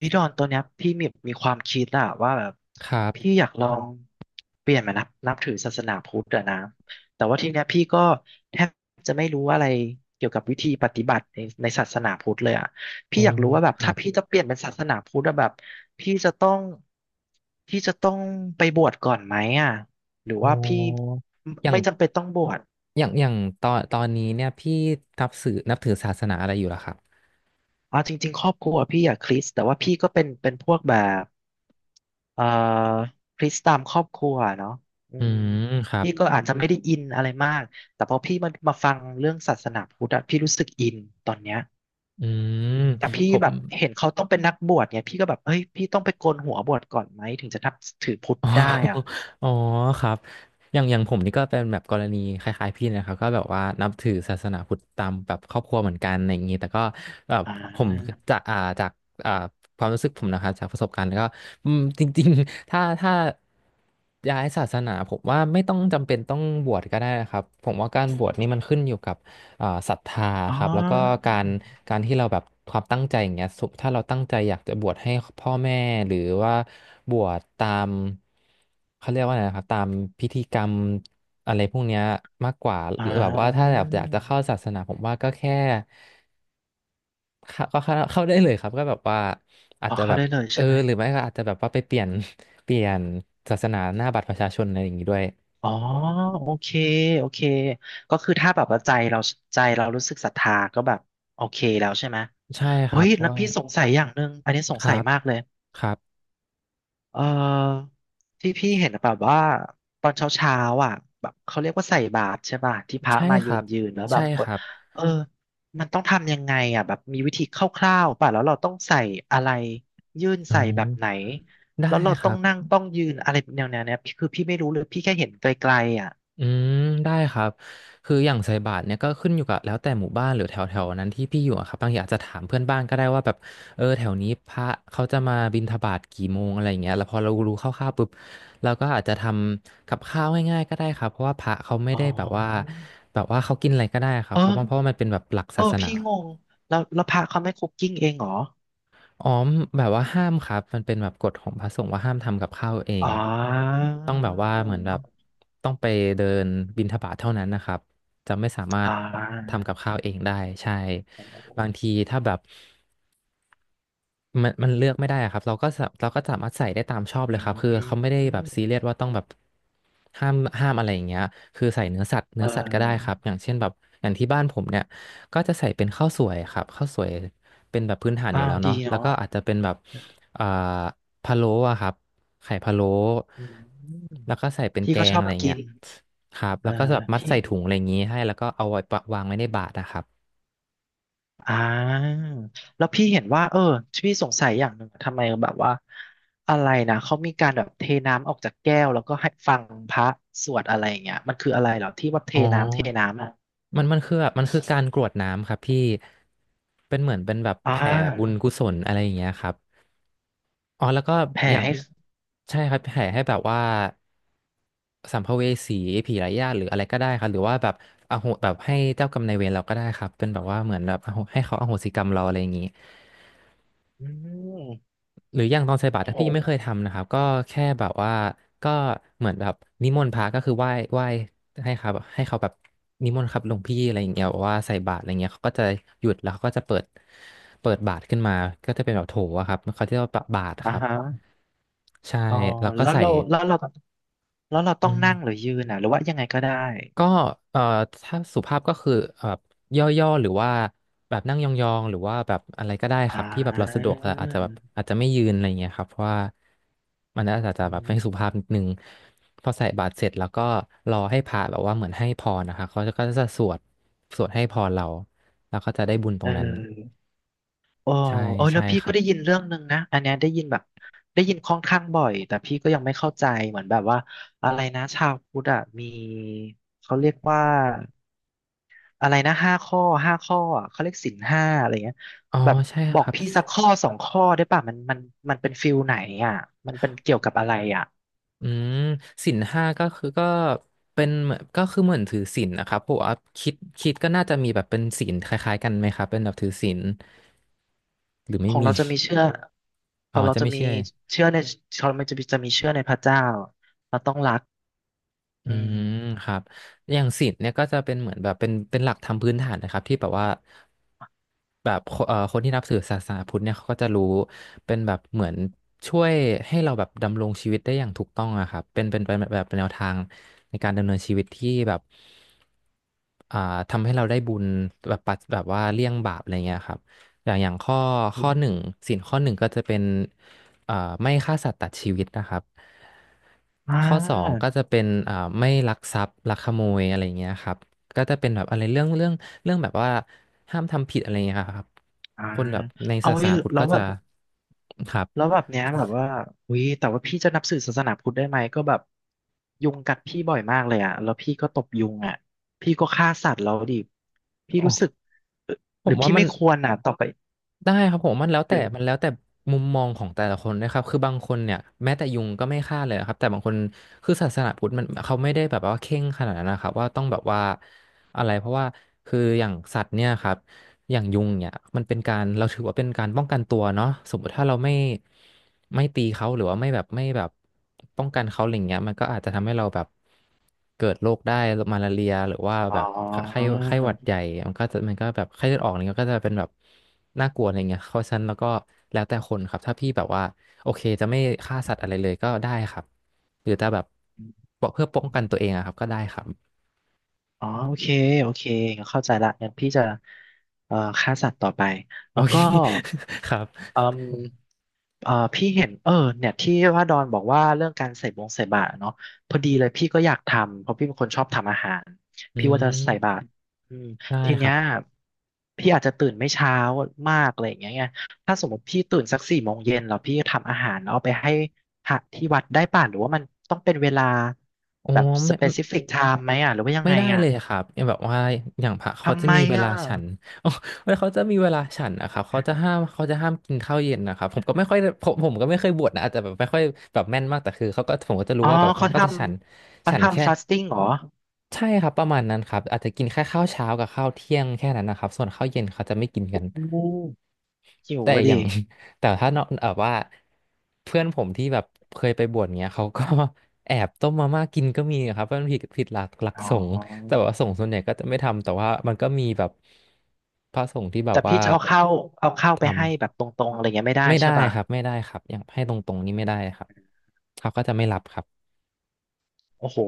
พี่ดอนตัวเนี้ยพี่มีความคิดอะว่าแบบครัพี่บอยากลองเปลี่ยนมานับถือศาสนาพุทธอะนะแต่ว่าทีเนี้ยพี่ก็แทบจะไม่รู้อะไรเกี่ยวกับวิธีปฏิบัติในศาสนาพุทธเลยอะโอ้พี่อยากรู้ว่าแบบครัถ้าบพี่จะเปลี่ยนเป็นศาสนาพุทธอะแบบพี่จะต้องพี่จะต้องไปบวชก่อนไหมอะหรือโอ้ว่าพี่อย่าง ไม่จำเป็นต้องบวชอย่าง ตอนนี้เนี่ย พี่นับถือศาสนาอะไรอยู่ล่ะครับเอาจริงๆครอบครัวพี่อะคริสต์แต่ว่าพี่ก็เป็นพวกแบบ เอ่อพลิกตามครอบครัวเนาะอือืมมครับพี่ก็อาจจะไม่ได้อินอะไรมากแต่พอพี่มาฟังเรื่องศาสนาพุทธอะพี่รู้สึกอินตอนเนี้ยอือืมมแต่พี่ผแบม บเห็นเขาต้องเป็นนักบวชเนี่ยพี่ก็แบบเฮ้ยพี่ต้องไปโกนหัวบวชก่อนไหมถึงจะนับถือพุทธอ๋อได้อ่ะอ๋อครับอย่างผมนี่ก็เป็นแบบกรณีคล้ายๆพี่นะครับก็แบบว่านับถือศาสนาพุทธตามแบบครอบครัวเหมือนกันอะไรอย่างนี้แต่ก็แบบอ่ผมาจากอ่าความรู้สึกผมนะครับจากประสบการณ์ก็อืมจริงๆถ้าย้ายศาสนาผมว่าไม่ต้องจำเป็นต้องบวชก็ได้นะครับผมว่าการบวชนี่มันขึ้นอยู่กับ ศรัทธาอ๋อครับแล้วก็การการที่เราแบบความตั้งใจอย่างเงี้ยสมถ้าเราตั้งใจอยากจะบวชให้พ่อแม่หรือว่าบวชตามเขาเรียกว่าอะไรนะครับตามพิธีกรรมอะไรพวกเนี้ยมากกว่าหอ่ารือแบบว่าถ้าแบบอยากจะเข้าศาสนาผมว่าก็แค่เข้าได้เลยครับก็แบบว่าอาจอ๋อจะเข้าแบบได้เลยเออใช่ไหมหรือไม่ก็อาจจะแบบว่าไปเปลี่ยนศาสนาหน้าบัตรประชาชนอะไรอย่างงี้ด้วยอ๋อโอเคโอเคก็คือถ้าแบบว่าใจเรารู้สึกศรัทธาก็แบบโอเคแล้วใช่ไหม ใช่คเฮ้รับยเพราะแล้วว่าพี่สงสัยอย่างหนึ่งอันนี้สคงรัสัยบมากเลยครับเอ่อที่พี่เห็นแบบว่าตอนเช้าเช้าอ่ะแบบเขาเรียกว่าใส่บาตรใช่ป่ะที่พระใช่มาคยืรันบยืนแล้วแบใช่บคคนรับเออมันต้องทำยังไงอ่ะแบบมีวิธีคร่าวๆป่ะแล้วเราต้องใส่อะไรยื่นอ๋อ ใส่แบบไหนได้แล้วเราคต้อรังบนั่งต้องยืนอะไรแนวๆเนี้ยพี่คือพี่ไม่รู้เลยพี่แค่เห็นไกลๆอ่ะอืมได้ครับคืออย่างใส่บาตรเนี่ยก็ขึ้นอยู่กับแล้วแต่หมู่บ้านหรือแถวแถวนั้นที่พี่อยู่อะครับบางทีอาจจะถามเพื่อนบ้านก็ได้ว่าแบบเออแถวนี้พระเขาจะมาบิณฑบาตกี่โมงอะไรอย่างเงี้ยแล้วพอเรารู้คร่าวๆปุ๊บเราก็อาจจะทำกับข้าวง่ายๆก็ได้ครับเพราะว่าพระเขาไม่อ๋ได้แบบว่าอแบบว่าเขากินอะไรก็ได้ครับเอเขาเพราะว่าอมันเป็นแบบหลักเอศาอสนา พี่งงแล้วพระเขาไม่คุกกิ้งเองเหรออ๋อมแบบว่าห้ามครับ มันเป็นแบบกฎของพระสงฆ์ว่าห้ามทำกับข้าวเออ๋ง อ ต้องแบบว่าเหมือนแบบต้องไปเดินบิณฑบาตเท่านั้นนะครับ จะไม่สามารอ่ถาทำกับข้าวเองได้ใช่ โอ้โหบางทีถ้าแบบ มันเลือกไม่ได้อะครับเราก็สามารถใส่ได้ตามชอบเลอืยครับคือเขาไม่ได้แบบซีเรีมยสว่าต้องแบบห้ามห้ามอะไรอย่างเงี้ยคือใส่เนื้อสัตว์เเนื้อสัตว์ก็ได้คออรับอย่างเช่นแบบอย่างที่บ้านผมเนี่ยก็จะใส่เป็นข้าวสวยครับข้าวสวยเป็นแบบพื้นฐานออ้ายู่แล้ววดีเนาะแล้วเนาะก็อาจจะเป็นแบบเอ่อพะโล้อะครับไข่พะโล้อืมแล้วก็ใส่เป็นพี่แกก็ชงออะบไรกิเงี้ยนครับเอแล้อวก็แบบมัดพี่ใส่ถุงอะไรอย่างงี้ให้แล้วก็เอาไว้ปะวางไว้ในบาตรนะครับอ่าแล้วพี่เห็นว่าเออพี่สงสัยอย่างหนึ่งทำไมแบบว่าอะไรนะเขามีการแบบเทน้ำออกจากแก้วแล้วก็ให้ฟังพระสวดอะไรอย่างเงี้ยมันคืออะไรเหรอที่ว่าเทอ๋อ น้ำเทน้ำอ่ะมันคือแบบมันคือการกรวดน้ำครับพี่เป็นเหมือนเป็นแบบอ่แผ่บุญากุศลอะไรอย่างเงี้ยครับอ๋อแล้วก็แผ่อย่างให้ใช่ครับแผ่ให้แบบว่าสัมภเวสีผีไร้ญาติหรืออะไรก็ได้ครับหรือว่าแบบอโหแบบให้เจ้ากรรมนายเวรเราก็ได้ครับเป็นแบบว่าเหมือนแบบอโหให้เขาอโหสิกรรมเราอะไรอย่างงี้ อืมหรืออย่างตอนใส่บาตรโอ้ถ้าโหพี่ไม่เคยทำนะครับก็แค่แบบว่าก็เหมือนแบบนิมนต์พระก็คือไหว้ให้ครับให้เขาแบบนิมนต์ครับหลวงพี่อะไรอย่างเงี้ยบอกว่าใส่บาตรอะไรเงี้ยเขาก็จะหยุดแล้วเขาก็จะเปิดบาตรขึ้นมาก็จะเป็นแบบโถอะครับเขาเรียกว่าบาตรคอ่ารับฮะใช่อ๋อแล้วก็แล้วใส่เราแล้วเราแล้วเราอืต้องนั่งหรือม ยืนอ่ะหรือว่ายังไงก็ได้ ก็เอ่อถ้าสุภาพก็คือย่อๆหรือว่าแบบนั่งยองๆหรือว่าแบบอะไรก็ได้คอ่ารับที่แบบเราสะดวกแต่อาจจะแบบอาจจะไม่ยืนอะไรงเงี้ยครับเพราะว่ามันอาจจะอืแบบไม่สุมภาพนิดนึงพอใส่บาตรเสร็จแล้วก็รอให้พระแบบว่าเหมือนให้พรนะคะเขาก็จะสวดให้พรเราแล้วก็จะได้บุญตเรงนั้นออโอ้ใช่โอ้แล้ใช่วพี่คก็รับได้ยินเรื่องหนึ่งนะอันเนี้ยได้ยินค่อนข้างบ่อยแต่พี่ก็ยังไม่เข้าใจเหมือนแบบว่าอะไรนะชาวพุทธอะมีเขาเรียกว่าอะไรนะห้าข้อห้าข้ออะเขาเรียกศีล 5อะไรเงี้ยอ๋อแบบใช่บอคกรับ พี่สักข้อสองข้อได้ป่ะมันมันเป็นฟิลไหนอ่ะมันเป็นเกี่ยวกับอะไรอ่ะอืมศีลห้าก็คือก็เป็นเหมือนก็คือเหมือนถือศีลนะครับผมว่าคิดคิดก็น่าจะมีแบบเป็นศีลคล้ายๆกันไหมครับเป็นแบบถือศีลหรือขไม่องมีเราจะมีเชื่อขอ๋อองเราจะจะไม่มีใช่เชื่อในของเราจะมีเชื่อในพระเจ้าเราต้องรักอือืม มครับอย่างศีลเนี่ยก็จะเป็นเหมือนแบบเป็นหลักธรรมพื้นฐานนะครับที่แบบว่าแบบคเอ่อคนที่นับถือศาสนาพุทธเนี่ยเขาก็จะรู้เป็นแบบเหมือนช่วยให้เราแบบดำรงชีวิตได้อย่างถูกต้องอะครับเป็นแบบแนวทางในการดำเนินชีวิตที่แบบ อ่าทำให้เราได้บุญแบบปัดแบบว่าเลี่ยงบาปอะไรเงี้ยครับอย่างข้อหนึ่งศีลข้อหนึ่งก็จะเป็นอ่าไม่ฆ่าสัตว์ตัดชีวิตนะครับอ่าข้อสองก็จะเป็นไม่ลักทรัพย์ลักขโมยอะไรเงี้ยครับก็จะเป็นแบบอะไรเรื่องแบบว่าห้ามทำผิดอะไรเงี้ยครับอ่าคนแบบในเอาศาไว้สนาพุทธแล้ก็วแบจะบ ครัแล้บวแบบเนี้ยแบบว่าอุ้ยแต่ว่าพี่จะนับถือศาสนาพุทธได้ไหม ก็แบบยุงกัดพี่บ่อยมากเลยอ่ะแล้วพี่ก็ตบยุงอ่ะพี่ก็ฆ่าสัตว์แล้วดิพี่โอ้รู้สึกเอ่อผหรืมอว่าพี่มัน ไม่ควรอ่ะต่อไปได้ครับผมเดี๋ยวมันแล้วแต่มุมมองของแต่ละคนนะครับคือบางคนเนี่ยแม้แต่ยุงก็ไม่ฆ่าเลยครับแต่บางคนคือศาสนาพุทธมันเขาไม่ได้แบบว่าเคร่งขนาดนั้นนะครับว่าต้องแบบว่าอะไรเพราะว่าคืออย่างสัตว์เนี่ยครับ อย่างยุงเนี่ยมันเป็นการเราถือว่าเป็นการป้องกันตัวเนาะสมมติถ้าเราไม่ตีเขาหรือว่าไม่แบบป้องกันเขาอะไรเงี้ยมันก็อาจจะทำให้เราแบบเกิดโรคได้มาลาเรียหรือว่าอ๋แบบไข้อไข้หวัดใหญ่มันก็แบบไข้เลือดออกอะไรเงี้ยก็จะเป็นแบบน่ากลัวอะไรเงี้ยเพราะฉะนั้นแล้วก็แล้วแต่คนครับถ้าพี่แบบว่าโอเคจะไม่ฆ่าสัตว์อะไรเลยก็ได้ครับหรือจะแบบเพื่อป้องกันตัวเองอะครับก็ได้ครับอ๋อโอเคโอเคเข้าใจละงั้นพี่จะฆ่าสัตว์ต่อไปโอแล้วเค ก็ ครับอืม เออพี่เห็นเออเนี่ยที่ว่าดอนบอกว่าเรื่องการใส่บาตรอะเนาะพอดีเลยพี่ก็อยากทำเพราะพี่เป็นคนชอบทำอาหารอืพี่ว่าจะใส่บามตรอืมได้ทีคเนี้รัยบพี่อาจจะตื่นไม่เช้ามากอะไรอย่างเงี้ยไงถ้าสมมติพี่ตื่นสัก4 โมงเย็นแล้วพี่ทำอาหารแล้วเอาไปให้พระที่วัดได้ป่ะหรือว่ามันต้องเป็นเวลาอ๋อแบบสไม่ เปซิฟิกไทม์ไหมอ่ะหรือว่ายังไม่ไงได้อ่ะเลยครับอย่างแบบว่าอย่างพระเขาทำจะไมมีเวลาอ่ะฉัน อ๋อเวลาเขาจะมีเวลาฉันนะครับเขาจะห้ามกินข้าวเย็นนะครับผมก็ไม่เคยบวชนะอาจจะแบบไม่ค่อยแบบแม่นมากแต่คือเขาก็ผมก็จะรู้อ๋อว่าแบบเขาเขาก็ทจะฉันำเขาฉันแค่ทำฟาสติ้งเหรอใช่ครับประมาณนั้นครับอาจจะกินแค่ข้าวเช้ากับข้าวเที่ยงแค่นั้นนะครับส่วนข้าวเย็นเขาจะไม่กินอกัน ู้หิวแต่อะอย่าดิง แต่ถ้าเนาะแบบว่าเพื่อนผมที่แบบเคยไปบวชเงี้ยเขาก็ แอบต้มมาม่ากินก็มีครับเพราะมันผิดหลักอ๋อ สงฆ์แต่ว่าสงฆ์ส่วนใหญ่ก็จะไม่ทำแต่ว่ามันก็มีแบบพระสงฆ์ที่แบแต่บพี่ว่าจะเอาข้าวไปให้แบทำบตรงๆอะไรเงี้ยไม่ได้ไม่ได้ใช่ป่ะ ครับไม่ได้ครับอย่างให้ตรงๆนี่ไม่ได้ครับเขาก็จะไม่รับครับโอ้โห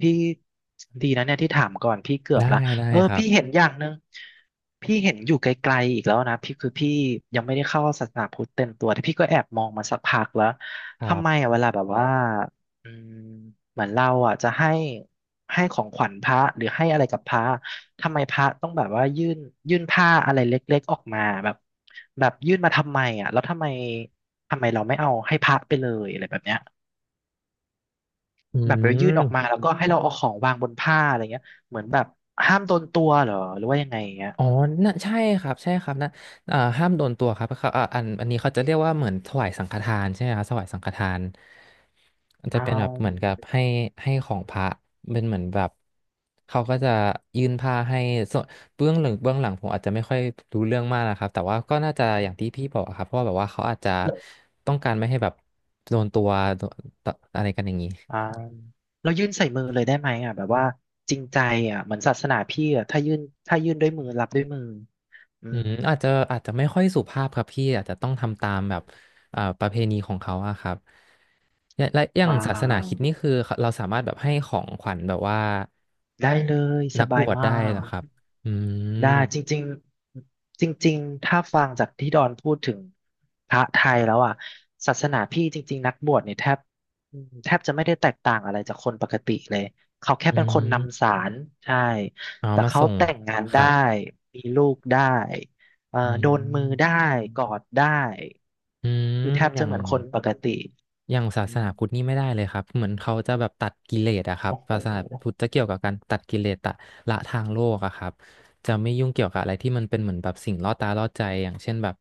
พี่ดีนะเนี่ยที่ถามก่อนพี่เกือบได้ละได้เออครับพี่เห็นอย่างหนึ่งพี่เห็นอยู่ไกลๆอีกแล้วนะพี่คือพี่ยังไม่ได้เข้าศาสนาพุทธเต็มตัวแต่พี่ก็แอบมองมาสักพักแล้วครัทำไมบอะเวลาแบบว่าอืมเหมือนเราอ่ะจะให้ของขวัญพระหรือให้อะไรกับพระทำไมพระต้องแบบว่ายื่นผ้าอะไรเล็กๆออกมาแบบแบบยื่นมาทำไมอ่ะแล้วทำไมเราไม่เอาให้พระไปเลยอะไรแบบเนี้ย อืแบบไปยื่นออกมาม แล้วก็ให้เราเอาของวางบนผ้าอะไรเงี้ยเหมือนแบบห้ามโดนตัวเหรอหรือว่ายังไงอย่างเงี้ยอ๋อน่ะใช่ครับใช่ครับนะเอ่าห้ามโดนตัวครับเขาอันนี้เขาจะเรียกว่าเหมือนถวายสังฆทานใช่ไหมครับถวายสังฆทานมันจะอ่เป็นแบบเหมือนกัาบให้ของพระเป็นเหมือนแบบเขาก็จะยื่นผ้าให้ส่วนเบื้องหลังผมอาจจะไม่ค่อยรู้เรื่องมากนะครับแต่ว่าก็น่าจะอย่างที่พี่บอกอะครับเพราะว่าแบบว่าเขาอาจจะแล้วต้องการไม่ให้แบบโดนตัวโดนตอะไรกันอย่างนี้อ่าเรายื่นใส่มือเลยได้ไหมอ่ะแบบว่าจริงใจอ่ะเหมือนศาสนาพี่อ่ะถ้ายื่นด้วยมือรับด้วยมืออืมอาจจะไม่ค่อยสุภาพครับพี่อาจจะต้องทำตามแบบประเพณีของเขาอะครับ และอย่าอ่งศาสนาคริดานี่คือเเราสามารถแบบให้ของขวัญแบบว่าได้เลยสนักบบายวชได้มาเหรก อครับอืได้มจริงๆจริงๆถ้าฟังจากที่ดอนพูดถึงพระไทยแล้วอ่ะศาสนาพี่จริงๆนักบวชเนี่ยแทบอืมแทบจะไม่ได้แตกต่างอะไรจากคนปกติเลยเขาแค่อืเป็นคนนำสามรใช่เอาแต่มาเขาส่งแต่งงานคได้รับมีลูกได้อืโดนมือได้มกอดได้อืมคือแทบอจะย่าง เหมือนคนปกติอย่างศาอืสนามพุทธนี่ไม่ได้เลยครับเหมือนเขาจะแบบตัดกิเลสอะครับโอ้โหศาสนาพุทธจะเกี่ยวกับการตัดกิเลสตะละทางโลกอะครับจะไม่ยุ่งเกี่ยวกับอะไรที่มันเป็นเหมือนแบบสิ่งล่อตาล่อใจอย่างเช่นแบบ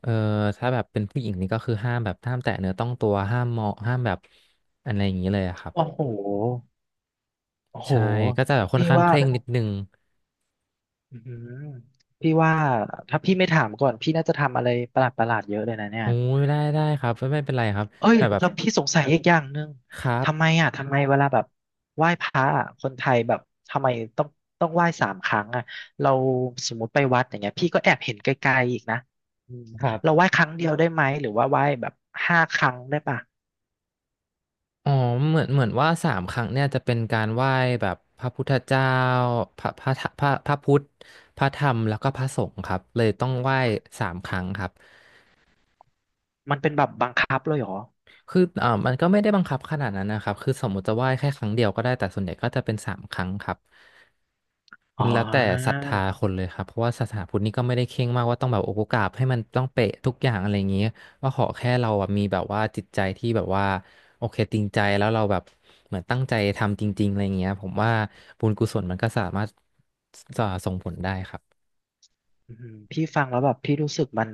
เออถ้าแบบเป็นผู้หญิงนี่ก็คือห้ามแบบห้ามแตะเนื้อต้องตัวห้ามเหมาะห้ามแบบอะไรอย่างนี้เลยอะครับโอ้โหโอ้โหใช่ก็จะแบบค่อนพี่ข้างว่า เคร่งนิดนึงอืมพี่ว่าถ้าพี่ไม่ถามก่อนพี่น่าจะทำอะไรประหลาดประหลาดเยอะเลยนะเนี่ยโอ้ยได้ได้ครับไม่ไม่เป็นไรครับเอ้ยแต่แบบแล้วพี่สงสัยอีกอย่างหนึ่งครัทำไมบอ่ะทำไมเวลาแบบไหว้พระอ่ะคนไทยแบบทำไมต้องต้องไหว้3 ครั้งอ่ะเราสมมติไปวัดอย่างเงี้ยพี่ก็แอบเห็นไกลๆอีกนะอืมครัเราบ ไหว้ครั้งเดียวได้ไหมหรือว่าไหว้แบบ5 ครั้งได้ปะอ๋อเหมือนว่าสามครั้งเนี่ยจะเป็นการไหว้แบบพระพุทธเจ้าพระพระพระพุทธ พระธรรมแล้วก็พระสงฆ์ครับเลยต้องไหว้สามครั้งครับ มันเป็นแบบบังคับเลยเหรอคือมันก็ไม่ได้บังคับขนาดนั้นนะครับคือสมมติจะไหว้แค่ครั้งเดียวก็ได้แต่ส่วนใหญ่ก็จะเป็นสามครั้งครับอ๋มัอ นแล้วแต่ศรัทธาคนเลยครับเพราะว่าศาสนาพุทธนี่ก็ไม่ได้เคร่งมากว่าต้องแบบโอโหกราบให้มันต้องเป๊ะทุกอย่างอะไรอย่างเงี้ยว่าขอแค่เราอะมีแบบว่าจิตใจที่แบบว่าโอเคจริงใจแล้วเราแบบเหมือนตั้งใจทำจริงๆอะไรอย่างเงี้ยผมว่าบุญกุศลมันก็สามารถส่งผลได้ครับอืมพี่ฟังแล้วแบบพี่รู้สึกมัน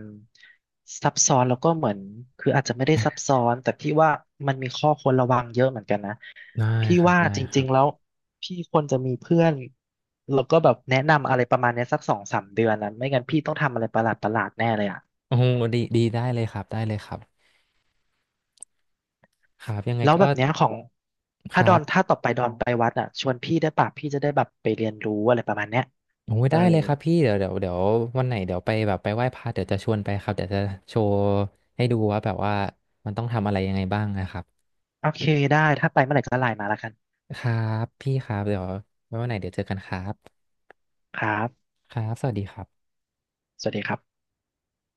ซับซ้อนแล้วก็เหมือนคืออาจจะไม่ได้ซับซ้อนแต่พี่ว่ามันมีข้อควรระวังเยอะเหมือนกันนะได้พี่ครับว่าได้จครัริงๆแล้บวพี่ควรจะมีเพื่อนแล้วก็แบบแนะนำอะไรประมาณเนี้ยสัก2-3 เดือนนะไม่งั้นพี่ต้องทำอะไรประหลาดประหลาดแน่เลยอ่ะโอ้โหดีดีได้เลยครับได้เลยครับครับยังไงแล้วก็แบบเนี้ยของคถ้าดรัอนบ ถ้าต่อไปดอนไปวัดอ่ะชวนพี่ได้ปะพี่จะได้แบบไปเรียนรู้อะไรประมาณเนี้ยโอ้ยเออได้เลยครับพี่เดี๋ยวเดี๋ยวเดี๋ยววันไหนเดี๋ยวไปแบบไปไหว้พระเดี๋ยวจะชวนไปครับเดี๋ยวจะโชว์ให้ดูว่าแบบว่ามันต้องทำอะไรยังไงบ้างนะครับโอเคได้ถ้าไปเมื่อไหร่ก็ไลน์มาแล้วกันครับพี่ครับเดี๋ยวไว้วันไหนเดี๋ยวเจอกันครับครับครับสวัสดีครับสวัสดีครับ